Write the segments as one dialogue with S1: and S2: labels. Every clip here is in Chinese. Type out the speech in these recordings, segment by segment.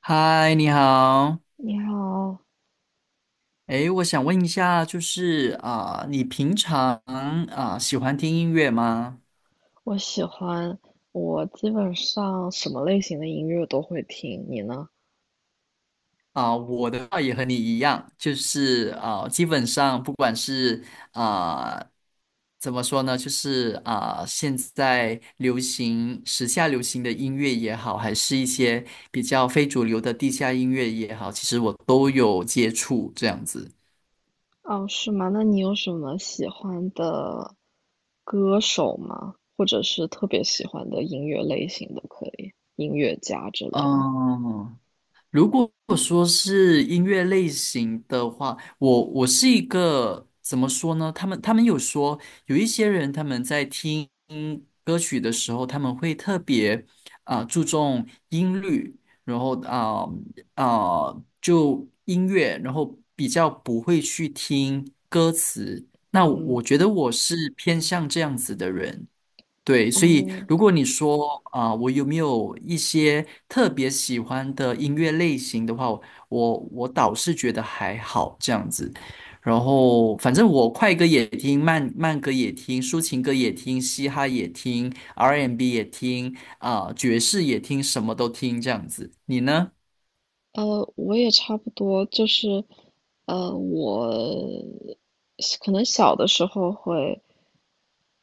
S1: 嗨，你好。
S2: 你好。
S1: 诶，我想问一下，就是你平常喜欢听音乐吗？
S2: 我喜欢，我基本上什么类型的音乐都会听，你呢？
S1: 我的话也和你一样，就是基本上不管是啊、怎么说呢，就是现在流行、时下流行的音乐也好，还是一些比较非主流的地下音乐也好，其实我都有接触这样子。
S2: 哦，是吗？那你有什么喜欢的歌手吗？或者是特别喜欢的音乐类型都可以，音乐家之类的。
S1: 嗯，如果说是音乐类型的话，我是一个怎么说呢？他们有说有一些人他们在听歌曲的时候，他们会特别注重音律，然后啊、就音乐，然后比较不会去听歌词。那
S2: 嗯
S1: 我觉得我是偏向这样子的人。对，所以
S2: 嗯，
S1: 如果你说我有没有一些特别喜欢的音乐类型的话，我倒是觉得还好这样子。然后反正我快歌也听，慢慢歌也听，抒情歌也听，嘻哈也听，R&B 也听，爵士也听，什么都听这样子。你呢？
S2: 我也差不多，就是，我可能小的时候会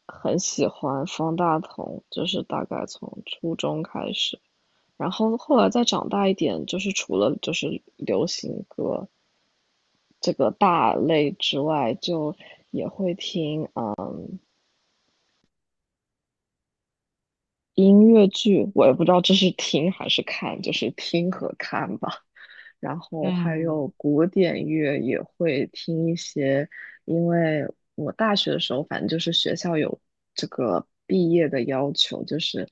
S2: 很喜欢方大同，就是大概从初中开始。然后后来再长大一点，就是除了就是流行歌这个大类之外，就也会听音乐剧。我也不知道这是听还是看，就是听和看吧。然后还
S1: 嗯
S2: 有古典乐也会听一些，因为我大学的时候，反正就是学校有这个毕业的要求，就是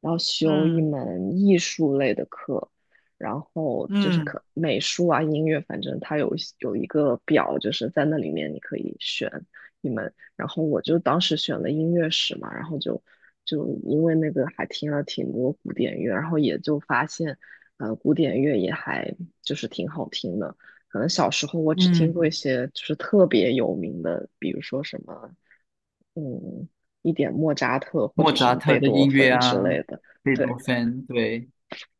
S2: 要修一
S1: 嗯
S2: 门艺术类的课，然后就是
S1: 嗯
S2: 可美术啊、音乐，反正它有一个表，就是在那里面你可以选一门。然后我就当时选了音乐史嘛，然后就因为那个还听了挺多古典乐，然后也就发现，古典乐也还就是挺好听的。可能小时候我只听过一
S1: 嗯，
S2: 些就是特别有名的，比如说什么，嗯，一点莫扎特或
S1: 莫
S2: 者什
S1: 扎
S2: 么
S1: 特
S2: 贝
S1: 的
S2: 多
S1: 音乐
S2: 芬之
S1: 啊，
S2: 类的。
S1: 贝
S2: 对，
S1: 多芬，对，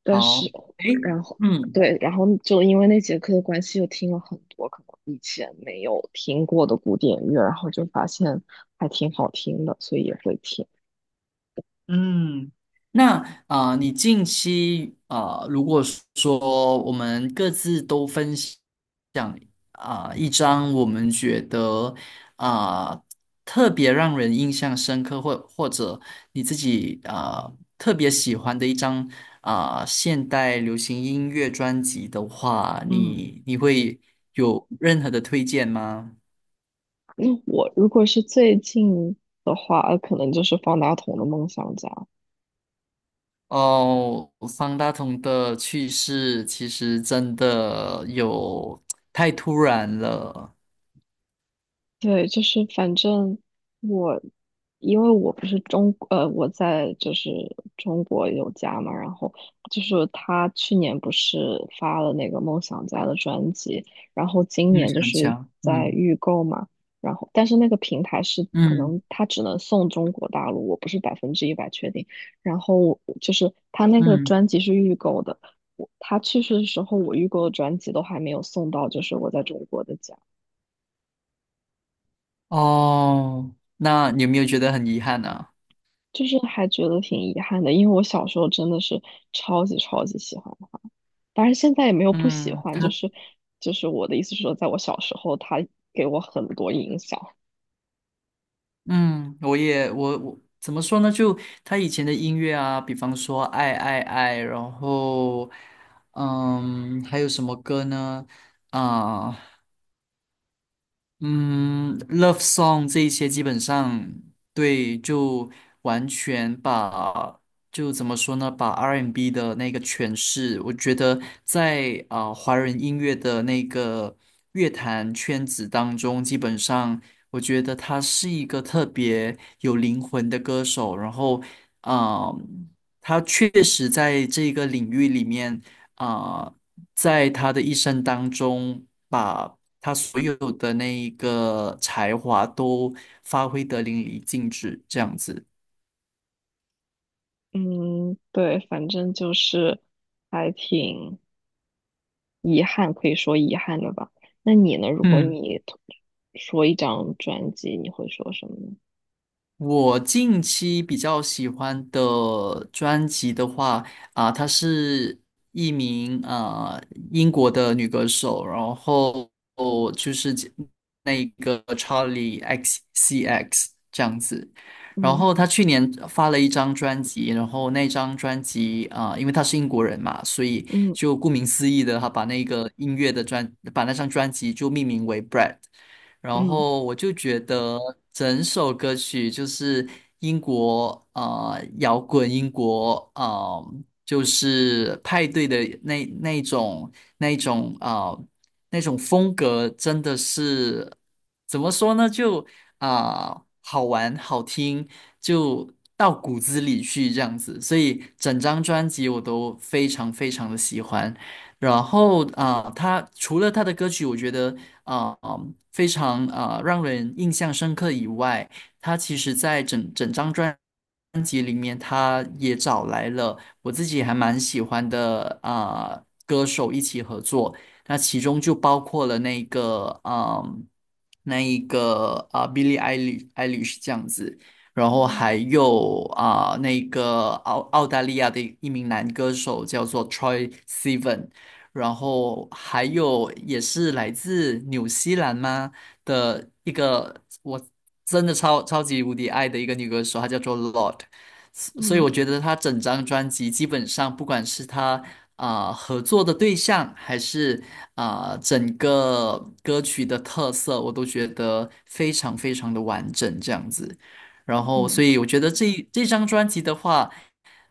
S2: 但是，
S1: 好，诶，
S2: 然后，
S1: 嗯，
S2: 对，然后就因为那节课的关系，又听了很多可能以前没有听过的古典乐，然后就发现还挺好听的，所以也会听。
S1: 嗯，那你近期如果说我们各自都分享一张我们觉得啊、特别让人印象深刻，或者你自己特别喜欢的一张现代流行音乐专辑的话，
S2: 嗯，
S1: 你会有任何的推荐吗？
S2: 那我如果是最近的话，可能就是方大同的《梦想家》。
S1: 哦，方大同的去世其实真的有太突然了。
S2: 对，就是反正我，因为我不是我在就是中国有家嘛，然后就是他去年不是发了那个梦想家的专辑，然后今
S1: 嗯，
S2: 年就
S1: 想
S2: 是
S1: 想，
S2: 在
S1: 嗯
S2: 预购嘛，然后但是那个平台是可
S1: 嗯
S2: 能他只能送中国大陆，我不是100%确定，然后就是他那个
S1: 嗯，
S2: 专辑是预购的，他去世的时候我预购的专辑都还没有送到，就是我在中国的家。
S1: 哦，那你有没有觉得很遗憾啊？
S2: 就是还觉得挺遗憾的，因为我小时候真的是超级超级喜欢，当然现在也没有不喜
S1: 嗯，
S2: 欢，就
S1: 他，
S2: 是我的意思是说，在我小时候，他给我很多影响。
S1: 嗯，我也，我怎么说呢？就他以前的音乐啊，比方说《爱爱爱》，然后，嗯，还有什么歌呢？啊、嗯，love song 这一些基本上对，就完全把就怎么说呢，把 R&B 的那个诠释，我觉得在华人音乐的那个乐坛圈子当中，基本上我觉得他是一个特别有灵魂的歌手，然后啊、呃他确实在这个领域里面啊。在他的一生当中，把他所有的那一个才华都发挥得淋漓尽致，这样子。
S2: 嗯，对，反正就是还挺遗憾，可以说遗憾的吧。那你呢？如果
S1: 嗯。
S2: 你 说一张专辑，你会说什么呢？
S1: 我近期比较喜欢的专辑的话，她是一名英国的女歌手，然后就是那个 Charlie XCX 这样子。然
S2: 嗯
S1: 后她去年发了一张专辑，然后那张专辑因为她是英国人嘛，所以
S2: 嗯
S1: 就顾名思义的，她把那个音乐的专，把那张专辑就命名为 Bread。然
S2: 嗯。
S1: 后我就觉得整首歌曲就是英国啊摇滚，英国啊，就是派对的那那种那种啊那种风格，真的是怎么说呢？就好玩好听，就到骨子里去这样子。所以整张专辑我都非常非常的喜欢。然后他除了他的歌曲，我觉得啊、呃非常让人印象深刻以外，他其实在整张专辑里面，他也找来了我自己还蛮喜欢的歌手一起合作，那其中就包括了那一个 Billie Eilish 这样子。然后
S2: 哦。
S1: 还有那个澳大利亚的一名男歌手叫做 Troy Sivan，然后还有也是来自纽西兰吗的一个我真的超级无敌爱的一个女歌手，她叫做 Lord，所以
S2: 嗯
S1: 我觉得她整张专辑基本上不管是她合作的对象，还是整个歌曲的特色，我都觉得非常非常的完整这样子。然后，
S2: 嗯
S1: 所以我觉得这张专辑的话。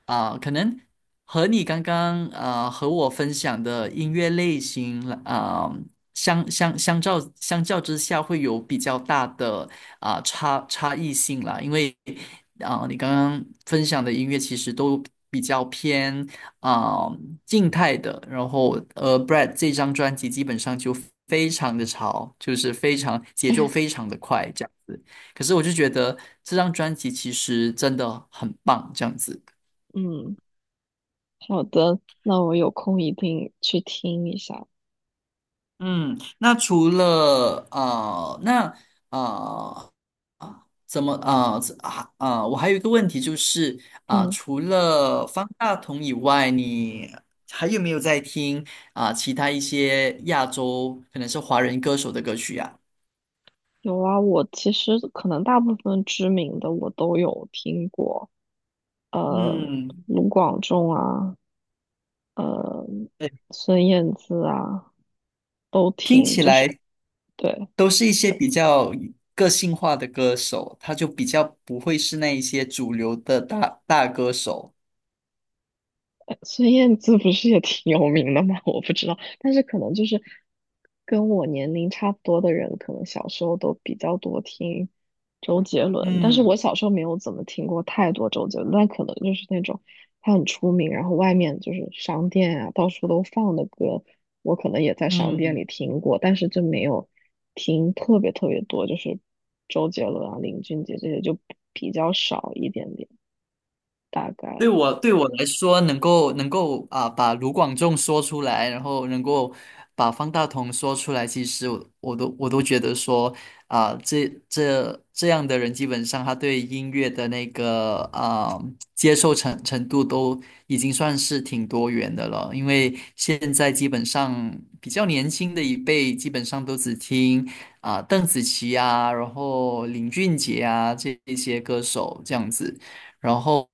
S1: 啊，可能和你刚刚和我分享的音乐类型啊，相较之下，会有比较大的差异性啦。因为啊，你刚刚分享的音乐其实都比较偏啊静态的，然后Brad 这张专辑基本上就非常的潮，就是非常节奏非常的快这样子。可是我就觉得这张专辑其实真的很棒，这样子。
S2: 嗯。好的，那我有空一定去听一下。
S1: 嗯，那除了啊，那啊，怎么啊怎啊呃我还有一个问题就是
S2: 嗯。
S1: 除了方大同以外，你还有没有在听其他一些亚洲可能是华人歌手的歌曲呀、
S2: 有啊，我其实可能大部分知名的我都有听过，呃，
S1: 嗯，
S2: 卢广仲啊，呃，
S1: 对，
S2: 孙燕姿啊，都
S1: 听
S2: 听，
S1: 起
S2: 就是
S1: 来
S2: 对。
S1: 都是一些比较个性化的歌手，他就比较不会是那一些主流的大歌手。
S2: 孙燕姿不是也挺有名的吗？我不知道，但是可能就是跟我年龄差不多的人，可能小时候都比较多听周杰伦，但是我
S1: 嗯
S2: 小时候没有怎么听过太多周杰伦，但可能就是那种他很出名，然后外面就是商店啊，到处都放的歌，我可能也在商店
S1: 嗯。
S2: 里听过，但是就没有听特别特别多，就是周杰伦啊、林俊杰这些就比较少一点点，大
S1: 对
S2: 概。
S1: 我对我来说，能够把卢广仲说出来，然后能够把方大同说出来，其实我都觉得说这样的人，基本上他对音乐的那个接受程度都已经算是挺多元的了。因为现在基本上比较年轻的一辈，基本上都只听邓紫棋啊，然后林俊杰啊这一些歌手这样子。然后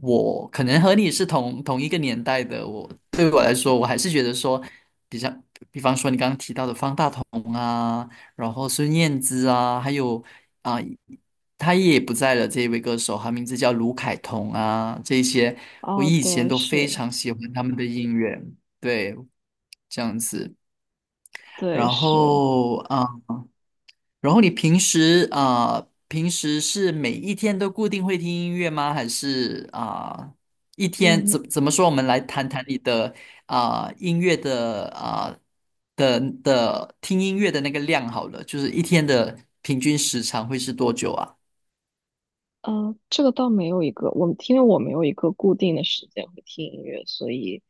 S1: 我可能和你是同一个年代的，对我来说，我还是觉得说，比较，比方说你刚刚提到的方大同啊，然后孙燕姿啊，还有啊、他也不在了这一位歌手，他名字叫卢凯彤啊，这一些我
S2: 啊，
S1: 以前
S2: 对，
S1: 都非
S2: 是。
S1: 常喜欢他们的音乐，对，这样子。
S2: 对，
S1: 然
S2: 是。
S1: 后啊。然后你平时平时是每一天都固定会听音乐吗？还是一
S2: 我
S1: 天
S2: 们
S1: 怎么说？我们来谈谈你的音乐的的听音乐的那个量好了，就是一天的平均时长会是多久啊？
S2: 这个倒没有一个，因为我没有一个固定的时间会听音乐，所以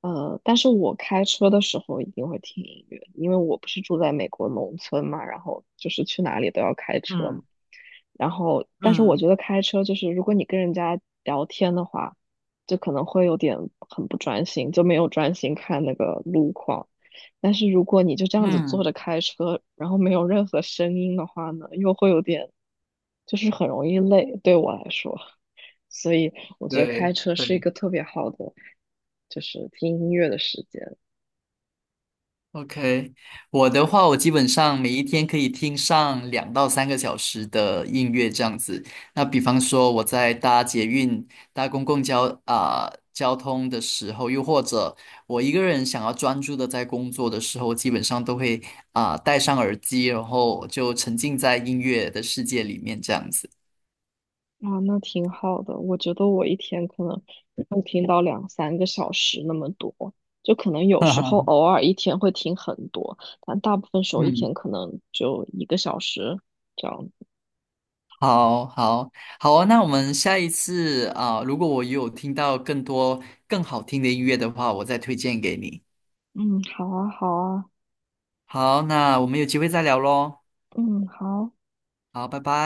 S2: 但是我开车的时候一定会听音乐，因为我不是住在美国农村嘛，然后就是去哪里都要开车嘛，
S1: 嗯
S2: 然后，但是我
S1: 嗯
S2: 觉得开车就是，如果你跟人家聊天的话，就可能会有点很不专心，就没有专心看那个路况。但是如果你就这样子坐
S1: 嗯，
S2: 着开车，然后没有任何声音的话呢，又会有点，就是很容易累，对我来说。所以我觉
S1: 对
S2: 得开车是一
S1: 对。
S2: 个特别好的，就是听音乐的时间。
S1: OK，我的话，我基本上每一天可以听上2到3个小时的音乐这样子。那比方说我在搭捷运、搭公共交通的时候，又或者我一个人想要专注的在工作的时候，基本上都会戴上耳机，然后就沉浸在音乐的世界里面这样子。
S2: 啊，那挺好的。我觉得我一天可能会听到两三个小时那么多，就可能有时候偶 尔一天会听很多，但大部分时候一
S1: 嗯
S2: 天可能就1个小时这样子。
S1: 好好好啊，那我们下一次啊，如果我有听到更多更好听的音乐的话，我再推荐给你。
S2: 嗯，好啊，好啊，
S1: 好，那我们有机会再聊喽。
S2: 嗯，好。
S1: 好，拜拜。